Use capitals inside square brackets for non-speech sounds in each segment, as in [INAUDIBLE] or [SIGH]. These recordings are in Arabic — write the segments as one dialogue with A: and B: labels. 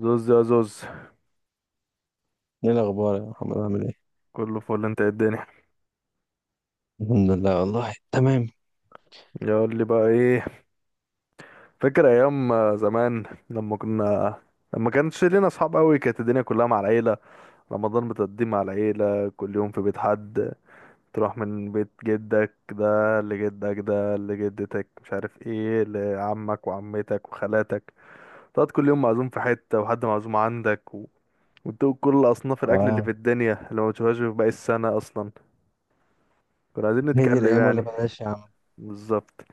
A: زوز يا زوز،
B: ايه الاخبار يا محمد؟ عامل ايه؟
A: كله فل. انت ايه الدنيا؟
B: الحمد لله والله تمام.
A: يقول لي بقى ايه. فاكر ايام زمان لما كانش لينا اصحاب قوي، كانت الدنيا كلها مع العيله. رمضان بتقضيه مع العيله، كل يوم في بيت حد. تروح من بيت جدك ده لجدك ده لجدتك، مش عارف ايه، لعمك وعمتك وخالاتك. تقعد كل يوم معزوم في حته وحد معزوم عندك وتدوق كل اصناف الاكل اللي في
B: اه،
A: الدنيا، اللي ما بتشوفهاش في باقي السنه اصلا. كنا عايزين
B: هي دي
A: نتكلم
B: الايام ولا
A: يعني.
B: بلاش يا عم.
A: بالظبط.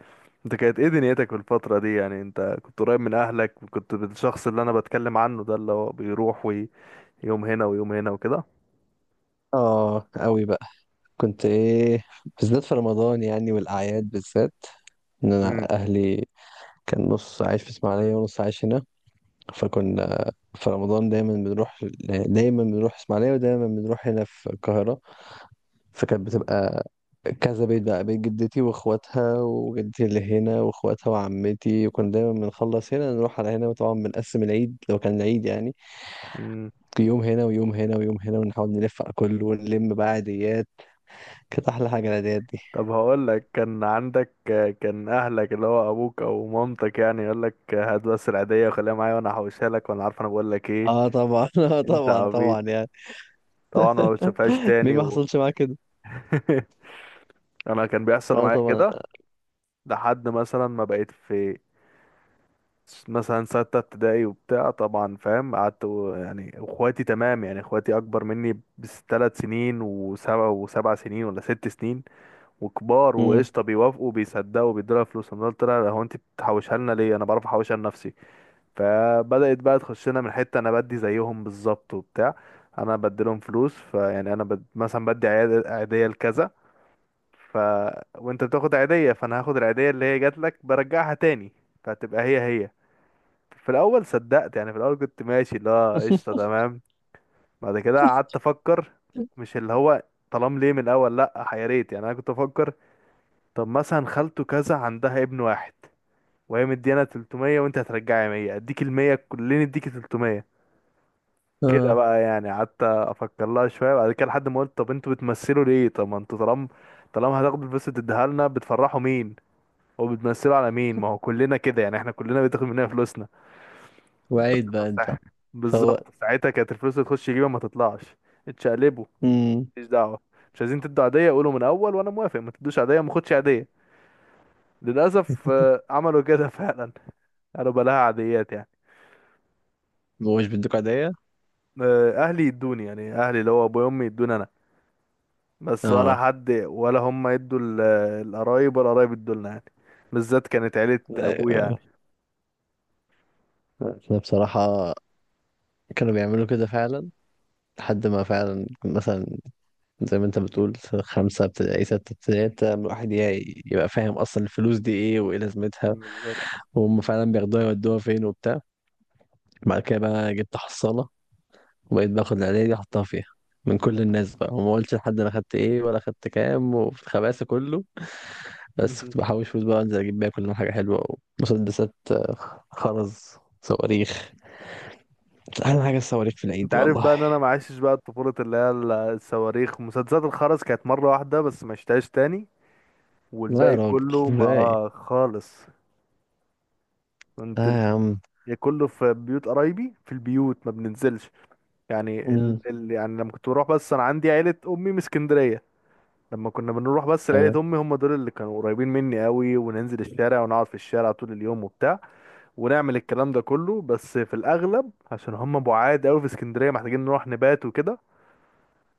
A: انت كانت ايه دنيتك في الفترة دي يعني؟ انت كنت قريب من اهلك، وكنت الشخص اللي انا بتكلم عنه ده اللي هو بيروح ويوم هنا ويوم هنا وكده.
B: اه قوي بقى. كنت ايه بالذات في رمضان يعني، والاعياد بالذات. ان
A: امم.
B: انا اهلي كان نص عايش في اسماعيليه ونص عايش هنا، فكنا في رمضان دايما بنروح اسماعيليه ودايما بنروح هنا في القاهره. فكانت بتبقى كذا بيت بقى، بيت جدتي واخواتها، وجدتي اللي هنا واخواتها، وعمتي. وكنا دايما بنخلص هنا نروح على هنا، وطبعا بنقسم العيد لو كان العيد، يعني
A: امم.
B: يوم هنا ويوم هنا ويوم هنا، ونحاول نلف على كله ونلم بقى عيديات. كانت احلى حاجه العيديات دي.
A: طب هقول لك، كان عندك كان اهلك اللي هو ابوك او مامتك يعني يقول لك هات بس العيدية وخليها معايا وانا هحوشها لك وانا عارف انا بقول لك ايه.
B: اه طبعا. [LAUGHS] اه
A: انت
B: طبعا
A: عبيط
B: طبعا يعني.
A: طبعا، ما بتشوفهاش
B: مين
A: تاني
B: ما حصلش معاه كده؟
A: [LAUGHS] انا كان بيحصل
B: اه
A: معايا
B: طبعا.
A: كده، لحد مثلا ما بقيت في مثلا ستة ابتدائي وبتاع. طبعا فاهم. قعدت يعني اخواتي تمام، يعني اخواتي اكبر مني بثلاث سنين، وسبع سنين ولا ست سنين، وكبار
B: امم.
A: وقشطه، بيوافقوا بيصدقوا بيدولها فلوس. انا قلت لها هو انت بتحوشها لنا ليه، انا بعرف احوشها لنفسي. فبدات بقى تخش لنا من حته، انا بدي زيهم بالظبط وبتاع، انا بدي لهم فلوس. فيعني انا مثلا بدي عيديه لكذا. ف وانت بتاخد عيديه، فانا هاخد العيديه اللي هي جات لك برجعها تاني، فتبقى هي هي. في الاول صدقت يعني، في الاول كنت ماشي اللي هو قشطه
B: [LAUGHS]
A: تمام. بعد كده قعدت افكر، مش اللي هو طالما ليه من الاول؟ لا يا ريت يعني، انا كنت افكر. طب مثلا خالته كذا عندها ابن واحد وهي مديانا 300، وانت هترجعي 100، اديك ال 100. كلنا اديك 300. كده
B: اه،
A: بقى يعني. قعدت افكر لها شويه بعد كده، لحد ما قلت طب انتوا بتمثلوا ليه؟ طب ما انتوا طالما، طالما هتاخدوا الفلوس تديها لنا، بتفرحوا مين وبتمثلوا على مين؟ ما هو كلنا كده يعني، احنا كلنا بتاخد مننا فلوسنا. بس
B: وعيد بقى انت.
A: مساحة. بالظبط،
B: فهو،
A: ساعتها كانت الفلوس اللي تخش جيبه ما تطلعش، اتشقلبوا.
B: امم،
A: مفيش دعوة، مش عايزين تدوا عادية قولوا من أول وأنا موافق، ما تدوش عادية ما خدش عادية. للأسف آه، عملوا كده [LAUGHS] فعلا، قالوا بلاها عاديات يعني.
B: مش بدك عيدية.
A: آه، أهلي يدوني، يعني أهلي اللي هو أبويا وأمي يدوني أنا، بس ولا
B: اه.
A: حد، ولا هم يدوا القرايب، ولا قرايب يدوا لنا يعني، بالذات كانت عيلة أبويا يعني.
B: آه، احنا بصراحة كانوا بيعملوا كده فعلا، لحد ما فعلا مثلا زي ما انت بتقول خمسة ابتدائي ستة ابتدائي، ابتدى الواحد يبقى فاهم اصلا الفلوس دي ايه وايه لازمتها،
A: بالظبط.
B: وهم فعلا بياخدوها يودوها فين وبتاع. بعد كده بقى جبت حصالة، وبقيت باخد العيدية دي أحطها فيها من كل الناس بقى، وما قلتش لحد أنا خدت إيه ولا خدت كام، وفي الخباثة كله. بس كنت
A: [LAUGHS]
B: بحوش فلوس بقى، أنزل أجيب بيها كل يوم حاجة حلوة: ومسدسات، آه، خرز، صواريخ. أحلى حاجة الصواريخ في العيد
A: انت
B: دي
A: عارف
B: والله.
A: بقى ان انا ما عشتش بقى الطفوله اللي هي الصواريخ مسدسات الخرز، كانت مره واحده بس ما عشتهاش تاني،
B: لا يا
A: والباقي
B: راجل،
A: كله ما
B: إزاي؟
A: آه خالص. كنت
B: لا
A: ال...
B: يا عم.
A: يا كله في بيوت قرايبي، في البيوت ما بننزلش يعني.
B: مم.
A: يعني لما كنت بروح، بس انا عندي عيلة امي من اسكندرية. لما كنا بنروح بس لعيلة
B: تمام.
A: امي، هم دول اللي كانوا قريبين مني قوي، وننزل الشارع ونقعد في الشارع طول اليوم وبتاع، ونعمل الكلام ده كله، بس في الاغلب عشان هم بعاد قوي في اسكندرية محتاجين نروح نبات وكده.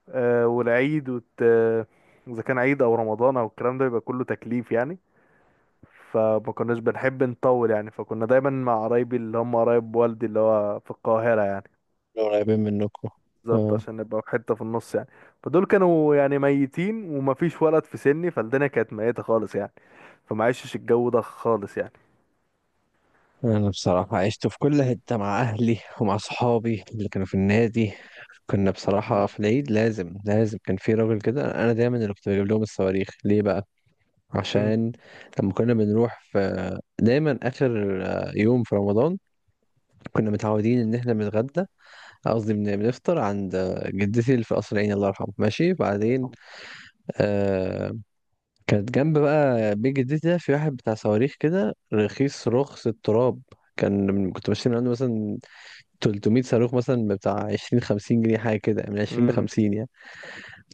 A: آه، والعيد وت... آه، اذا كان عيد او رمضان او الكلام ده بيبقى كله تكليف يعني. فما كناش بنحب نطول يعني، فكنا دايما مع قرايبي اللي هم قرايب والدي اللي هو في القاهرة يعني.
B: قريبين منكم.
A: بالظبط،
B: اه.
A: عشان نبقى في حتة في النص يعني. فدول كانوا يعني ميتين ومفيش ولد في سني، فالدنيا كانت ميتة خالص يعني. فما عشتش الجو ده خالص يعني.
B: أنا بصراحة عشت في كل حتة مع أهلي ومع صحابي اللي كانوا في النادي. كنا بصراحة في العيد لازم لازم، كان في راجل كده أنا دايما اللي كنت بجيب لهم الصواريخ. ليه بقى؟
A: مم.
B: عشان لما كنا بنروح في دايما آخر، آه، يوم في رمضان، كنا متعودين إن إحنا بنتغدى، قصدي بنفطر عند، آه، جدتي اللي في قصر العيني الله يرحمه، ماشي؟ بعدين آه، كانت جنب بقى بيت جدتي ده في واحد بتاع صواريخ كده رخيص رخص التراب. كان كنت بشتري من عنده مثلا 300 صاروخ مثلا بتاع 20 50 جنيه، حاجة كده من 20 ل
A: مم.
B: 50 يعني.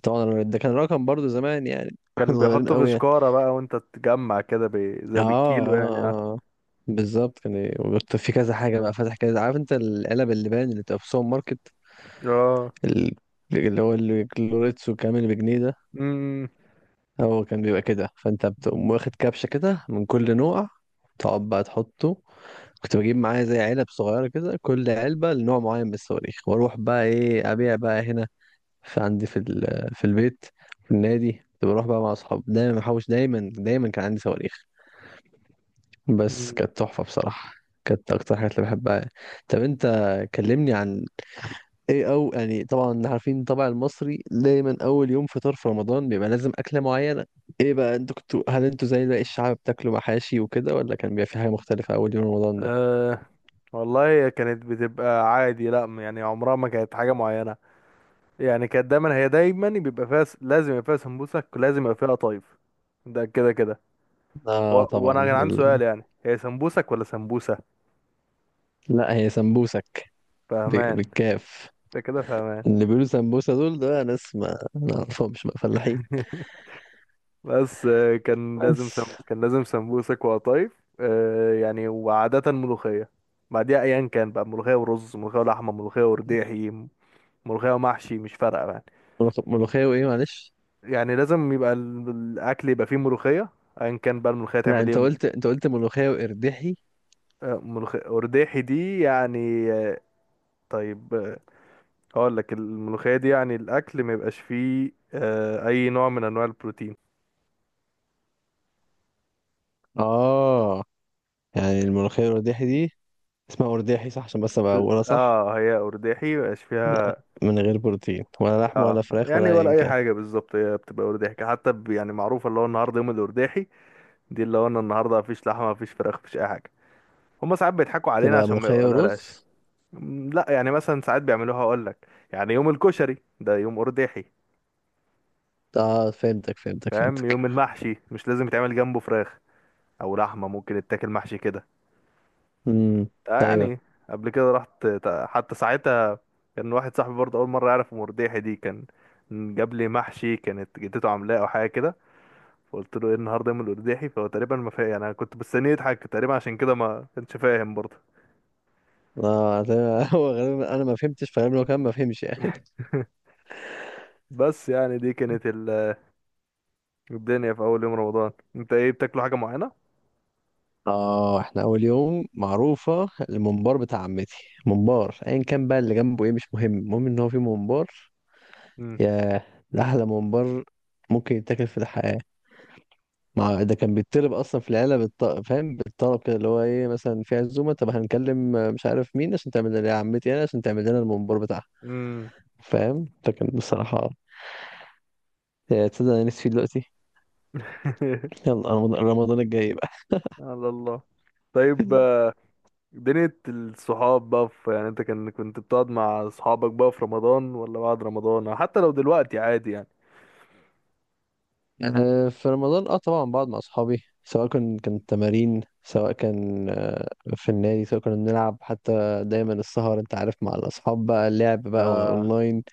B: طبعا ده كان رقم برضو زمان يعني، [LAUGHS] احنا
A: كان
B: صغيرين
A: بيحطوا في
B: قوي يعني.
A: شكارة بقى وانت تجمع كده
B: اه.
A: زي بالكيلو يعني، اه.
B: اه آه. بالظبط، كان كنت في كذا حاجه بقى، فاتح كذا. عارف انت العلب اللبان اللي بتبقى في السوبر ماركت؟
A: اه.
B: ال- اللي هو الكلوريتسو كامل بجنيه ده.
A: مم.
B: هو كان بيبقى كده، فانت بتقوم
A: مم.
B: واخد كبشه كده من كل نوع، تقعد بقى تحطه. كنت بجيب معايا زي علب صغيره كده، كل علبه لنوع معين من الصواريخ، واروح بقى ايه، ابيع بقى هنا في عندي في في البيت، في النادي. كنت بروح بقى مع اصحاب، دايما محوش، دايما دايما كان عندي صواريخ، بس
A: مم.
B: كانت تحفة بصراحة. كانت اكتر حاجات اللي بحبها. طب انت كلمني عن ايه، او يعني طبعا عارفين الطبع المصري دايما اول يوم فطار في رمضان بيبقى لازم اكلة معينة. ايه بقى انتوا كنتوا، هل انتوا زي باقي الشعب بتاكلوا محاشي وكده، ولا كان بيبقى في حاجة مختلفة اول يوم رمضان ده؟
A: آه. والله هي كانت بتبقى عادي، لا يعني عمرها ما كانت حاجة معينة يعني. كانت دايما، هي دايما بيبقى فيها لازم يبقى فيها سمبوسك، ولازم يبقى فيها قطايف. ده كده كده.
B: اه
A: وانا
B: طبعا
A: كان عندي
B: دول...
A: سؤال يعني، هي سمبوسك ولا سمبوسة؟
B: لا هي سمبوسك،
A: فهمان.
B: بالكاف.
A: ده كده فهمان.
B: اللي بيقولوا سمبوسة دول، ده ناس ما اعرفهمش بقى، فلاحين.
A: [LAUGHS] بس آه،
B: بس
A: كان لازم سمبوسك وقطايف آه، يعني، وعادة ملوخية. بعديها ايا كان بقى، ملوخية ورز، ملوخية ولحمة، ملوخية ورديحي، ملوخية ومحشي، مش فارقة يعني.
B: ملوخية وايه معلش؟
A: يعني لازم يبقى الاكل يبقى فيه ملوخية، ايا كان بقى الملوخية
B: لا
A: تعمل ايه.
B: انت قلت، انت قلت ملوخية وقرداحي.
A: آه، ملوخية ورديحي دي يعني. طيب آه، اقول لك الملوخية دي يعني الاكل ما يبقاش فيه آه، اي نوع من انواع البروتين.
B: اه، يعني الملوخية والقرداحي دي اسمها قرداحي صح؟ عشان بس ابقى اقولها صح.
A: اه، هي ارداحي ما يبقاش
B: لا،
A: فيها.
B: من غير بروتين ولا لحم
A: اه
B: ولا فراخ ولا
A: يعني ولا
B: ايا
A: اي
B: كان.
A: حاجة بالظبط، هي بتبقى ارداحي، حتى يعني معروفة اللي هو النهاردة يوم الارداحي، دي اللي هو أنا النهاردة مفيش لحمة مفيش فراخ مفيش اي حاجة. هما ساعات بيضحكوا علينا
B: تبقى
A: عشان ما
B: ملوخية
A: يقولهاش.
B: ورز.
A: لا يعني مثلا ساعات بيعملوها، اقول لك يعني يوم الكشري ده يوم ارداحي.
B: اه، فهمتك فهمتك
A: فاهم،
B: فهمتك.
A: يوم المحشي مش لازم يتعمل جنبه فراخ او لحمة، ممكن يتاكل محشي كده.
B: امم.
A: آه
B: ايوه.
A: يعني. قبل كده رحت، حتى ساعتها كان واحد صاحبي برضه اول مره يعرف المرجيحي دي، كان جاب لي محشي، كانت جدته عاملاه او حاجه كده، فقلت له ايه النهارده يوم الارجيحي، فهو تقريبا ما فاهم يعني. انا كنت مستنيه يضحك تقريبا، عشان كده ما كانش فاهم برضه.
B: اه. ده [LAUGHS] هو غالبا انا ما فهمتش، فغالبا هو كمان ما فهمش يعني.
A: بس يعني دي كانت الدنيا في اول يوم رمضان. انت ايه بتاكلوا حاجه معينه؟
B: اه، احنا اول يوم معروفة الممبار بتاع عمتي. ممبار، ايا كان بقى اللي جنبه ايه مش مهم، المهم ان هو في ممبار.
A: امم.
B: ياه، ده أحلى ممبار ممكن يتاكل في الحياة. مع ده كان بيتطلب أصلا في العيلة فاهم، بالطلب كده، اللي هو إيه، مثلا في عزومة طب هنكلم، آه، مش عارف مين، عشان تعمل لنا يا عمتي أنا، عشان تعمل لنا الممبار بتاعها.
A: امم.
B: فاهم؟ فكان بصراحة، يا تصدق أنا نفسي فيه دلوقتي.
A: [LAUGHS]
B: يلا رمضان، رمضان الجاي بقى.
A: على الله. طيب
B: [LAUGHS]
A: آه، دنيا الصحاب بقى، في يعني انت كان كنت بتقعد مع اصحابك بقى في رمضان ولا بعد رمضان، أو حتى لو دلوقتي عادي يعني.
B: آه، في رمضان اه طبعا بقعد مع اصحابي، سواء كان تمارين، سواء كان، آه، في النادي، سواء كنا بنلعب، حتى دايما السهر انت عارف مع الاصحاب بقى، اللعب بقى
A: اه
B: اونلاين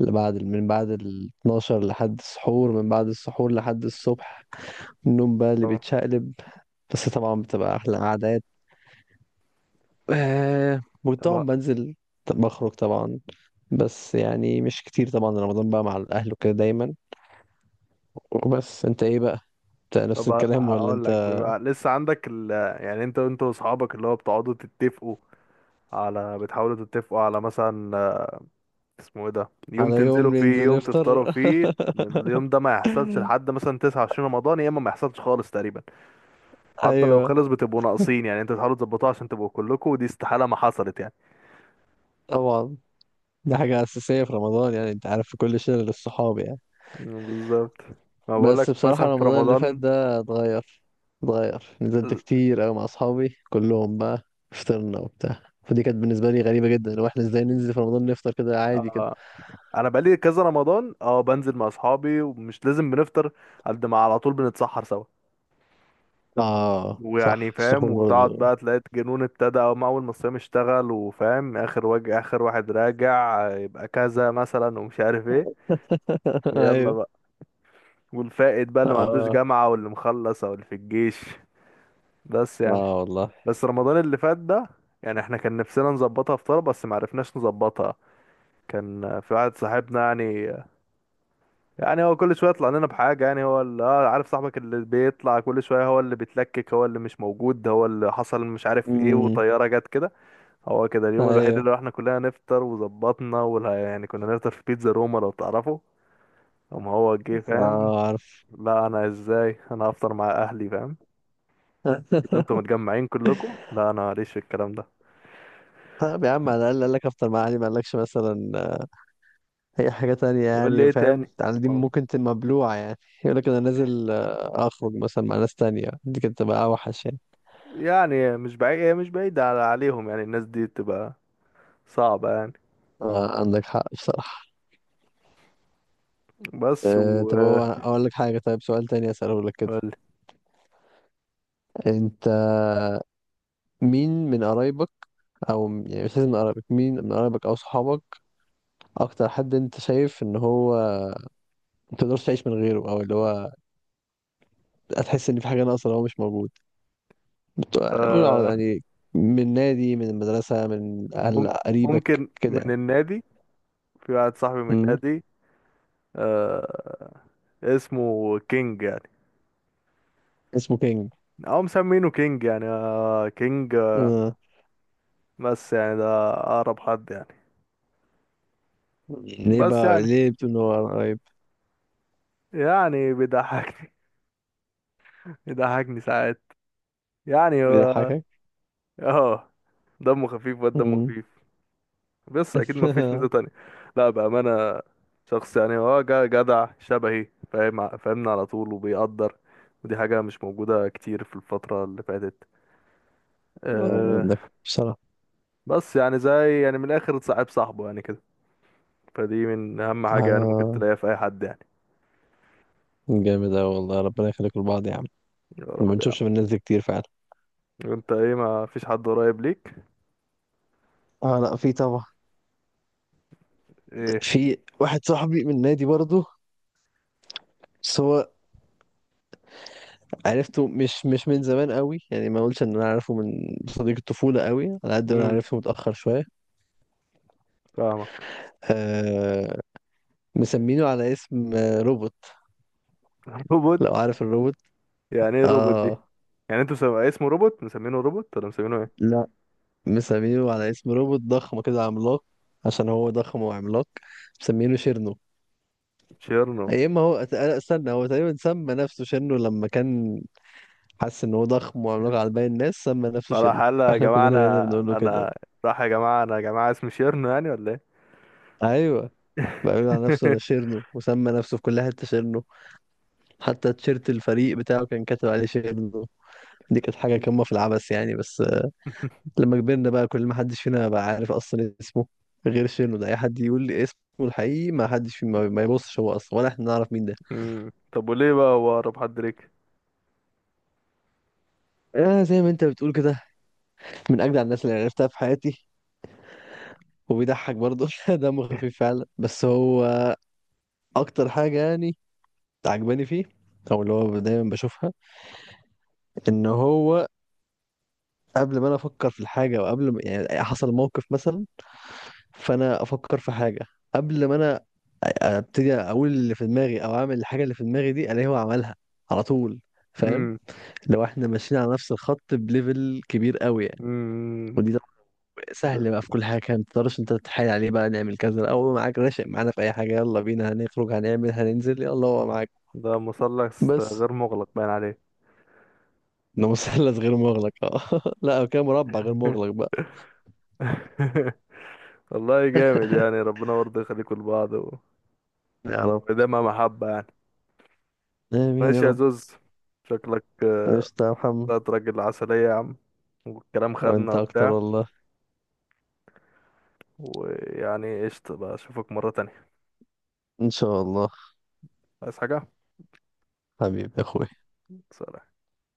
B: اللي بعد، من بعد ال 12 لحد السحور، من بعد السحور لحد الصبح، النوم بقى اللي
A: طبعا.
B: بيتشقلب. بس طبعا بتبقى أحلى قعدات. آه،
A: طب
B: وطبعا
A: ه-
B: بنزل، بخرج طبعا، بس يعني مش كتير. طبعا رمضان بقى مع الأهل وكده دايما. وبس أنت إيه بقى؟ أنت نفس
A: طب
B: الكلام ولا
A: هقول
B: أنت؟
A: لك بيبقى لسه عندك يعني انت، انت واصحابك اللي هو بتقعدوا تتفقوا على، بتحاولوا تتفقوا على مثلا آه، اسمه ايه ده، يوم
B: على
A: تنزلوا
B: يوم
A: فيه
B: ننزل
A: يوم
B: نفطر؟
A: تفطروا فيه، اليوم ده ما يحصلش لحد
B: [LAUGHS]
A: مثلا 29 رمضان، يا اما ما يحصلش خالص تقريبا. حتى لو
B: أيوه
A: خلص بتبقوا ناقصين يعني، انتوا تحاولوا تظبطوها عشان تبقوا كلكم، ودي استحالة ما حصلت يعني.
B: طبعا، دي حاجة أساسية في رمضان يعني، أنت عارف في كل شلة للصحاب يعني.
A: مم، بالظبط. ما بقول لك
B: بس بصراحة
A: مثلا في
B: رمضان اللي فات
A: رمضان
B: ده اتغير، اتغير. نزلت كتير أوي مع أصحابي كلهم بقى، فطرنا وبتاع. فدي كانت بالنسبة لي غريبة جدا، لو احنا ازاي ننزل في رمضان نفطر كده عادي كده.
A: آه، انا بقالي كذا رمضان اه بنزل مع اصحابي ومش لازم بنفطر، قد ما على طول بنتسحر سوا.
B: اه صح،
A: ويعني فاهم،
B: السحور
A: وتقعد
B: برضو.
A: بقى تلاقي الجنون ابتدى، أو اول ما الصيام اشتغل وفاهم، اخر اخر واحد راجع آه، يبقى كذا مثلا ومش عارف ايه.
B: [LAUGHS]
A: ويلا
B: ايوه.
A: بقى. والفائت بقى اللي ما عندوش
B: اه.
A: جامعة واللي مخلص او اللي في الجيش. بس
B: اه
A: يعني.
B: والله.
A: بس رمضان اللي فات ده يعني، احنا كان نفسنا نظبطها فطار بس ما عرفناش نظبطها. كان في واحد صاحبنا يعني، يعني هو كل شويه يطلع لنا بحاجه، يعني هو اللي اه عارف صاحبك اللي بيطلع كل شويه، هو اللي بيتلكك، هو اللي مش موجود، هو اللي حصل مش عارف ايه،
B: امم.
A: وطياره جت كده. هو كده اليوم الوحيد
B: ايوه.
A: اللي احنا كلنا نفطر وظبطنا، ولا يعني، كنا نفطر في بيتزا روما لو تعرفه. اما هو جه فاهم،
B: اه عارف.
A: لا انا ازاي، انا هفطر مع اهلي فاهم. كده انتوا
B: [LAUGHS]
A: متجمعين كلكم، لا انا ماليش في الكلام ده.
B: طب يا عم على الأقل قال لك افطر مع أهلي، ما قالكش مثلا هي حاجة تانية
A: يقول لي
B: يعني،
A: ايه
B: فاهم؟
A: تاني.
B: يعني دي
A: والله.
B: ممكن تبقى مبلوعة يعني. يقول لك أنا نازل، آه، أخرج مثلا مع ناس تانية، دي كانت تبقى أوحش يعني.
A: يعني مش بعيد، هي مش بعيدة عليهم يعني، الناس دي بتبقى صعبة يعني.
B: آه، عندك حق بصراحة.
A: بس
B: أه
A: و.
B: طب هو أقول لك حاجة، طيب سؤال تاني أسأله لك كده. أنت مين من قرايبك، أو يعني مش لازم من قرايبك، مين من قرايبك أو صحابك أكتر حد أنت شايف إن هو متقدرش تعيش من غيره، أو اللي هو هتحس إن في حاجة ناقصة لو هو مش موجود؟ بت- قول على،
A: قول.
B: يعني من نادي، من المدرسة، من أهل
A: مم-
B: قريبك
A: ممكن
B: كده
A: من
B: يعني.
A: النادي. في واحد صاحبي من
B: مم.
A: النادي. آه. اسمه كينج يعني،
B: اسمه كينج.
A: او مسمينه كينج يعني آه كينج آه،
B: آه.
A: بس يعني ده اقرب حد يعني.
B: ليه
A: بس
B: بقى،
A: يعني.
B: ليه بتنور قريب؟
A: يعني بيضحكني. [LAUGHS] بيضحكني ساعات يعني
B: بيضحكك.
A: اه، دمه خفيف، واد دمه
B: مم.
A: خفيف، بس اكيد
B: [LAUGHS]
A: ما فيش ميزة
B: آه،
A: تانية. لا بأمانة، شخص يعني هو جدع شبهي فاهم، فاهمنا على طول وبيقدر، ودي حاجة مش موجودة كتير في الفترة اللي فاتت آه،
B: عندك حق بصراحة.
A: بس يعني زي يعني من الاخر صاحب صاحبه يعني كده، فدي من اهم حاجة يعني ممكن
B: آه.
A: تلاقيها في اي حد يعني.
B: جامد أوي والله، ربنا يخليكم لبعض يا عم.
A: يا رب
B: ما
A: يعني.
B: بنشوفش من الناس دي كتير فعلا.
A: انت ايه ما فيش حد قريب ليك؟
B: اه لا في طبعا.
A: ايه.
B: في واحد صاحبي من نادي برضه، بس هو عرفته مش من زمان قوي يعني. ما اقولش ان انا عارفه من صديق الطفولة قوي، على قد ما انا
A: امم.
B: عرفته متأخر شوية.
A: فاهمك.
B: آه. مسمينه على اسم، آه، روبوت.
A: [LAUGHS] روبوت.
B: لو عارف الروبوت.
A: يعني ايه روبوت دي؟
B: اه.
A: يعني انتوا اسمه روبوت، مسمينه روبوت ولا مسمينه ايه؟
B: لا، مسمينه على اسم روبوت ضخم كده عملاق، عشان هو ضخم وعملاق. مسمينه شيرنو.
A: شيرنو.
B: يا اما هو استنى، هو تقريبا سمى نفسه شيرنو لما كان حس ان هو ضخم وعملاق على باقي الناس، سمى نفسه شيرنو.
A: فراح قال يا
B: احنا
A: جماعة
B: كلنا بقينا
A: انا
B: بنقول له كده
A: انا
B: بقى.
A: راح يا جماعة انا، يا جماعة اسمي شيرنو يعني ولا ايه؟
B: ايوه، بقى بيقول على نفسه انا
A: [LAUGHS]
B: شيرنو، وسمى نفسه في كل حته شيرنو. حتى تيشيرت الفريق بتاعه كان كاتب عليه شيرنو. دي كانت حاجه قمه في العبث يعني. بس لما كبرنا بقى، كل ما حدش فينا بقى عارف اصلا اسمه غير شنو ده، اي حد يقول لي اسمه الحقيقي ما حدش فينا ما يبصش، هو اصلا ولا احنا نعرف مين ده.
A: امم. طب وليه بقى هو اقرب حد ليك؟
B: آه زي ما انت بتقول كده، من اجدع الناس اللي عرفتها في حياتي. وبيضحك برضه [LAUGHS] دمه خفيف فعلا. بس هو اكتر حاجه يعني عجباني فيه، او اللي هو دايما بشوفها، ان هو قبل ما انا افكر في الحاجه، او قبل ما يعني حصل موقف مثلا فانا افكر في حاجه، قبل ما انا ابتدي اقول اللي في دماغي، او اعمل الحاجه اللي في دماغي دي، الاقيه هو عملها على طول. فاهم؟
A: امم.
B: لو احنا ماشيين على نفس الخط بليفل كبير قوي يعني.
A: امم.
B: ودي طب
A: ده
B: سهل بقى في كل حاجه. كانت متقدرش انت تتحايل عليه بقى، نعمل كذا او هو معاك راشق معانا في اي حاجه، يلا بينا هنخرج، هنعمل، هننزل، يلا هو معاك.
A: ده مثلث
B: بس
A: غير مغلق باين عليه.
B: انه مثلث غير مغلق، اه [LAUGHS] لا كان مربع غير مغلق بقى.
A: [LAUGHS] والله جامد يعني،
B: [LAUGHS]
A: ربنا برضه يخليكوا لبعض
B: يا رب.
A: ودايما محبة يعني.
B: امين يا
A: ماشي يا
B: رب.
A: زوز. شكلك آه،
B: قشطة يا محمد.
A: طلعت راجل عسلية يا عم، والكلام خدنا
B: وانت اكتر
A: وبتاع.
B: والله.
A: ويعني قشطة بقى اشوفك مرة تانية.
B: ان شاء الله.
A: عايز حاجة؟
B: حبيبي يا اخوي.
A: سلام.